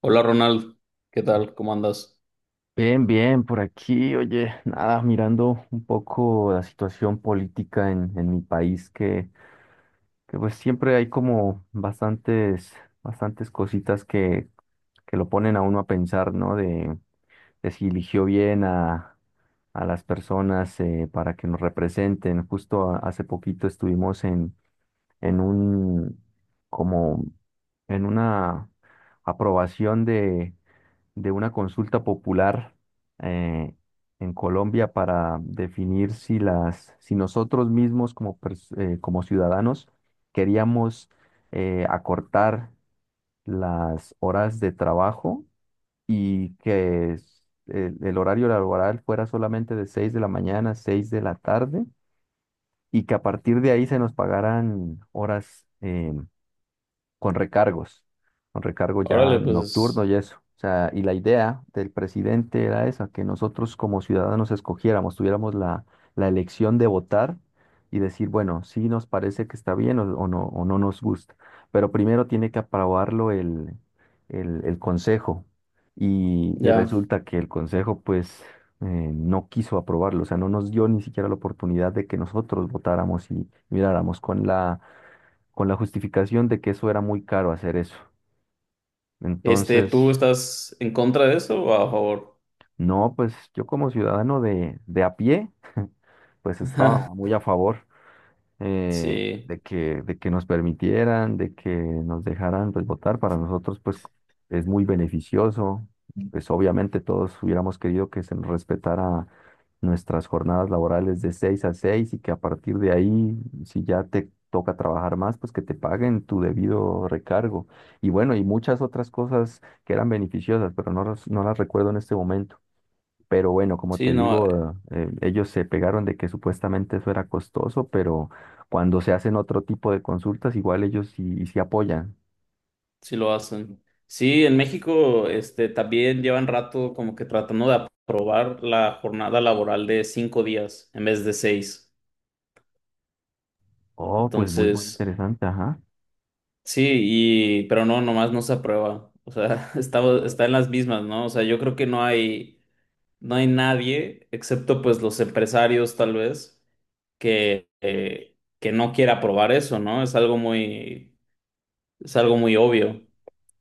Hola Ronald, ¿qué tal? ¿Cómo andas? Bien, bien, por aquí, oye, nada, mirando un poco la situación política en mi país, que pues siempre hay como bastantes cositas que lo ponen a uno a pensar, ¿no? De si eligió bien a las personas para que nos representen. Justo hace poquito estuvimos en un, como, en una aprobación de una consulta popular eh, en Colombia para definir si nosotros mismos como ciudadanos queríamos acortar las horas de trabajo y que el horario laboral fuera solamente de 6 de la mañana a 6 de la tarde y que a partir de ahí se nos pagaran horas. Con recargos, con recargo ya Órale, nocturno pues y eso. O sea, y la idea del presidente era esa, que nosotros como ciudadanos escogiéramos, tuviéramos la elección de votar y decir, bueno, sí nos parece que está bien o no nos gusta. Pero primero tiene que aprobarlo el consejo. Y ya. resulta que el consejo, pues, no quiso aprobarlo. O sea, no nos dio ni siquiera la oportunidad de que nosotros votáramos y miráramos con la justificación de que eso era muy caro hacer eso. Este, Entonces, ¿tú estás en contra de eso o a favor? no, pues yo como ciudadano de a pie, pues estaba muy a favor. eh, Sí, de que, de que nos permitieran, de que nos dejaran pues, votar. Para nosotros, pues, es muy beneficioso. Pues, obviamente, todos hubiéramos querido que se nos respetara nuestras jornadas laborales de 6 a 6 y que a partir de ahí, si ya te toca trabajar más, pues que te paguen tu debido recargo. Y bueno, y muchas otras cosas que eran beneficiosas, pero no, no las recuerdo en este momento. Pero bueno, como te sí, no, digo, ellos se pegaron de que supuestamente eso era costoso, pero cuando se hacen otro tipo de consultas, igual ellos sí, sí apoyan. sí lo hacen. Sí, en México, este, también llevan rato como que tratando de aprobar la jornada laboral de 5 días en vez de seis. Oh, pues muy, muy Entonces, interesante, ajá. sí, y, pero no, nomás no se aprueba. O sea, está en las mismas, ¿no? O sea, yo creo que no hay. No hay nadie, excepto pues los empresarios tal vez, que no quiera probar eso, ¿no? Es algo muy obvio.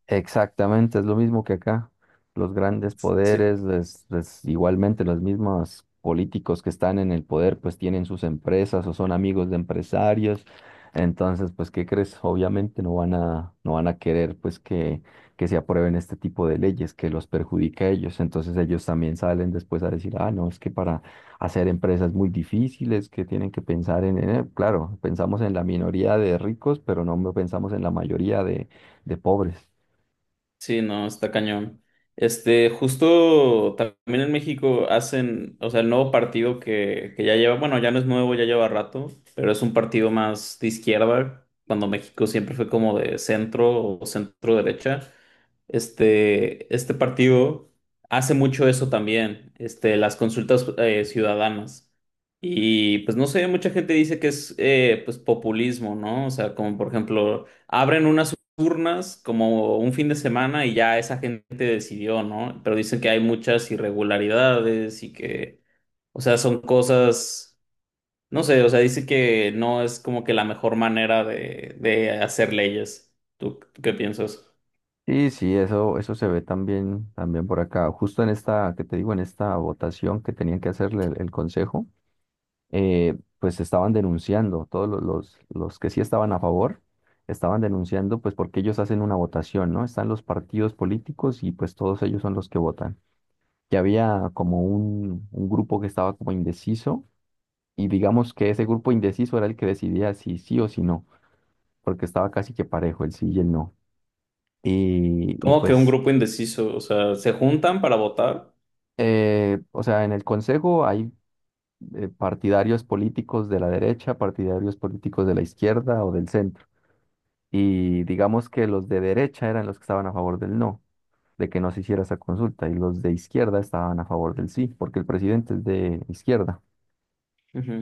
Exactamente, es lo mismo que acá. Los grandes Sí. poderes, igualmente los mismos políticos que están en el poder, pues tienen sus empresas o son amigos de empresarios. Entonces, pues, ¿qué crees? Obviamente no van a querer pues que se aprueben este tipo de leyes que los perjudica a ellos. Entonces ellos también salen después a decir, ah, no, es que para hacer empresas muy difíciles, que tienen que pensar en claro, pensamos en la minoría de ricos, pero no pensamos en la mayoría de pobres. Sí, no, está cañón. Este, justo también en México hacen, o sea, el nuevo partido que ya lleva, bueno, ya no es nuevo, ya lleva rato, pero es un partido más de izquierda, cuando México siempre fue como de centro o centro derecha. Este partido hace mucho eso también, este, las consultas ciudadanas. Y pues no sé, mucha gente dice que es pues populismo, ¿no? O sea, como por ejemplo, abren una turnas como un fin de semana y ya esa gente decidió, ¿no? Pero dicen que hay muchas irregularidades y que, o sea, son cosas, no sé, o sea, dice que no es como que la mejor manera de hacer leyes. ¿Tú qué piensas? Sí, sí, eso se ve también por acá. Justo en esta, que te digo, en esta votación que tenían que hacerle el consejo, pues estaban denunciando, todos los que sí estaban a favor, estaban denunciando, pues porque ellos hacen una votación, ¿no? Están los partidos políticos y pues todos ellos son los que votan. Que había como un grupo que estaba como indeciso y digamos que ese grupo indeciso era el que decidía si sí o si no, porque estaba casi que parejo el sí y el no. Y, y Como que un pues grupo indeciso, o sea, se juntan para votar. O sea, en el Consejo hay partidarios políticos de la derecha, partidarios políticos de la izquierda o del centro. Y digamos que los de derecha eran los que estaban a favor del no, de que no se hiciera esa consulta, y los de izquierda estaban a favor del sí, porque el presidente es de izquierda. Ujú.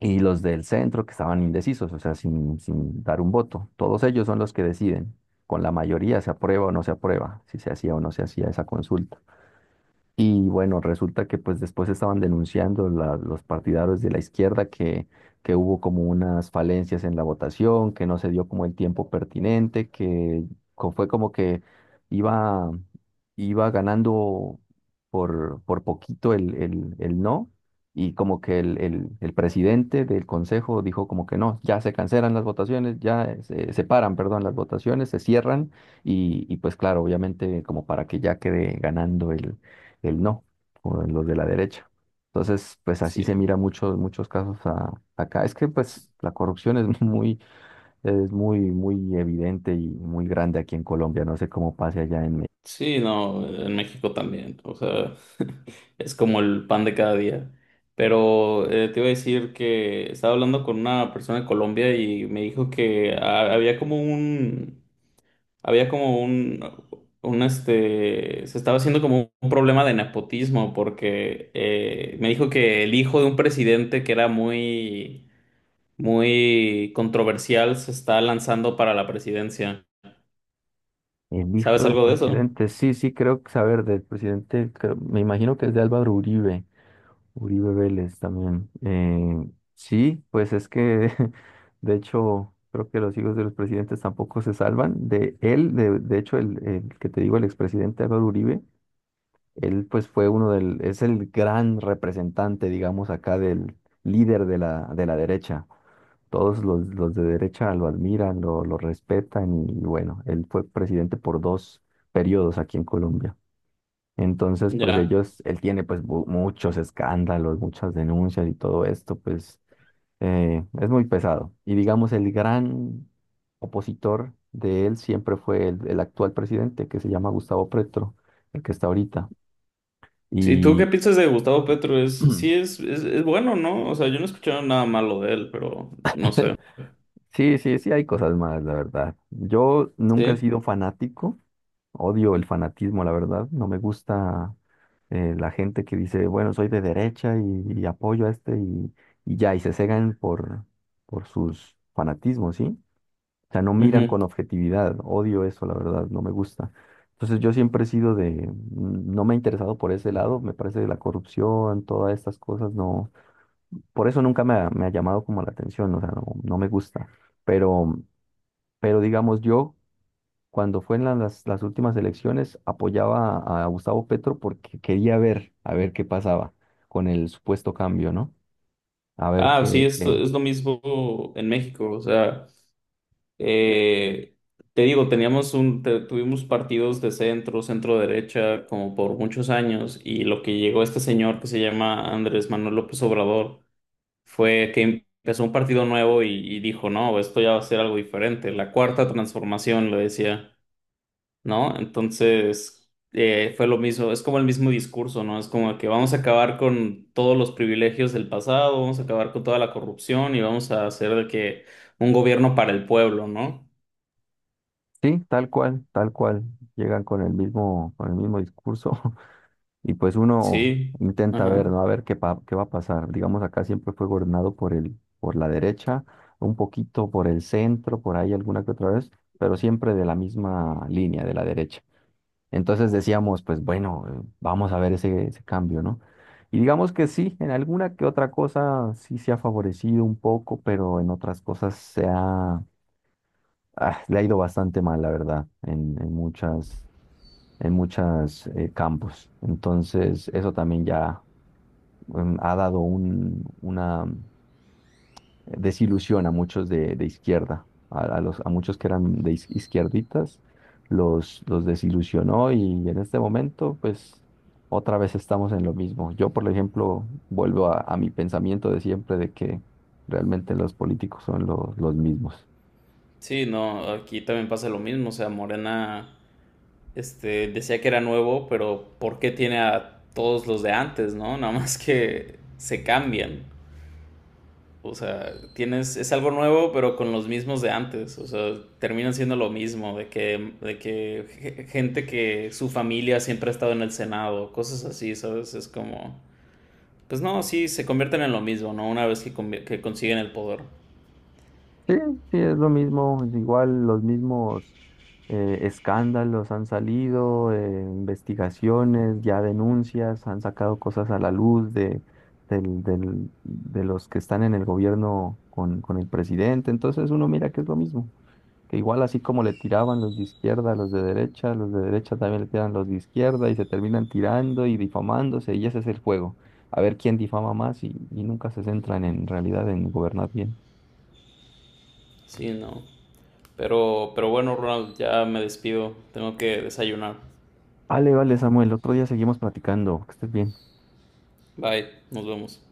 Y los del centro que estaban indecisos, o sea, sin dar un voto. Todos ellos son los que deciden. Con la mayoría se aprueba o no se aprueba, si se hacía o no se hacía esa consulta. Y bueno, resulta que pues después estaban denunciando los partidarios de la izquierda que hubo como unas falencias en la votación, que no se dio como el tiempo pertinente, que fue como que iba, iba ganando por poquito el no, y como que el presidente del consejo dijo como que no, ya se cancelan las votaciones, ya se paran, perdón, las votaciones, se cierran, y pues claro, obviamente como para que ya quede ganando el no, o los de la derecha. Entonces, pues así se Sí. mira muchos casos acá. Es que pues la corrupción es muy, muy evidente y muy grande aquí en Colombia. No sé cómo pase allá en. Sí, no, en México también, o sea, es como el pan de cada día. Pero te iba a decir que estaba hablando con una persona de Colombia y me dijo que había como un se estaba haciendo como un problema de nepotismo porque me dijo que el hijo de un presidente que era muy, muy controversial se está lanzando para la presidencia. El hijo ¿Sabes del algo de eso? presidente, sí, sí, creo que saber del presidente, me imagino que es de Álvaro Uribe, Uribe Vélez también. Sí, pues es que, de hecho, creo que los hijos de los presidentes tampoco se salvan. De hecho, el que te digo, el expresidente Álvaro Uribe. Él pues fue es el gran representante, digamos, acá del líder de la derecha. Todos los de derecha lo admiran, lo respetan y bueno, él fue presidente por dos periodos aquí en Colombia. Entonces, pues Ya. Él tiene pues muchos escándalos, muchas denuncias y todo esto, pues es muy pesado. Y digamos, el gran opositor de él siempre fue el actual presidente, que se llama Gustavo Petro, el que está ahorita. Sí, ¿tú qué Y piensas de Gustavo Petro? Es, Mm, sí, es bueno, ¿no? O sea, yo no he escuchado nada malo de él, pero no sé. sí, sí, sí, hay cosas malas, la verdad. Yo nunca he Sí. sido fanático, odio el fanatismo, la verdad. No me gusta la gente que dice, bueno, soy de derecha y apoyo a este y ya, y se cegan por sus fanatismos, ¿sí? O sea, no miran Ujú. con objetividad, odio eso, la verdad, no me gusta. Entonces yo siempre he sido no me he interesado por ese lado, me parece la corrupción, todas estas cosas, no. Por eso nunca me ha llamado como la atención, o sea, no, no me gusta. Pero, pero digamos, yo cuando fue en las últimas elecciones apoyaba a Gustavo Petro porque quería ver, a ver qué pasaba con el supuesto cambio, ¿no? A ver Ah, sí, qué. es, es lo mismo en México. O sea, eh, te digo, tuvimos partidos de centro, centro derecha, como por muchos años, y lo que llegó este señor que se llama Andrés Manuel López Obrador fue que empezó un partido nuevo y dijo, no, esto ya va a ser algo diferente. La cuarta transformación, lo decía, ¿no? Entonces, fue lo mismo, es como el mismo discurso, ¿no? Es como que vamos a acabar con todos los privilegios del pasado, vamos a acabar con toda la corrupción y vamos a hacer de que un gobierno para el pueblo, ¿no? Sí, tal cual, llegan con el mismo discurso Y pues uno Sí, intenta ver, ajá. ¿no? A ver qué, qué va a pasar. Digamos, acá siempre fue gobernado por la derecha, un poquito por el centro, por ahí alguna que otra vez, pero siempre de la misma línea, de la derecha. Entonces decíamos, pues bueno, vamos a ver ese cambio, ¿no? Y digamos que sí, en alguna que otra cosa sí se ha favorecido un poco, pero en otras cosas le ha ido bastante mal, la verdad, en muchas campos. Entonces, eso también ya ha dado una desilusión a muchos de izquierda, a muchos que eran de izquierditas, los desilusionó y en este momento, pues, otra vez estamos en lo mismo. Yo, por ejemplo, vuelvo a mi pensamiento de siempre de que realmente los políticos son los mismos. Sí, no, aquí también pasa lo mismo, o sea, Morena, este, decía que era nuevo, pero, ¿por qué tiene a todos los de antes?, ¿no? Nada más que se cambian. O sea, tienes, es algo nuevo, pero con los mismos de antes. O sea, terminan siendo lo mismo, de que gente que su familia siempre ha estado en el Senado, cosas así, ¿sabes? Es como, pues no, sí, se convierten en lo mismo, ¿no? Una vez que consiguen el poder. Sí, sí, es lo mismo, es igual los mismos escándalos han salido, investigaciones, ya denuncias, han sacado cosas a la luz de los que están en el gobierno con el presidente. Entonces uno mira que es lo mismo, que igual así como le tiraban los de izquierda a los de derecha también le tiran los de izquierda y se terminan tirando y difamándose y ese es el juego. A ver quién difama más y nunca se centran en realidad en gobernar bien. Sí, no. Pero bueno, Ronald, ya me despido. Tengo que desayunar. Vale, vale, Samuel, otro día seguimos platicando. Que estés bien. Bye, nos vemos.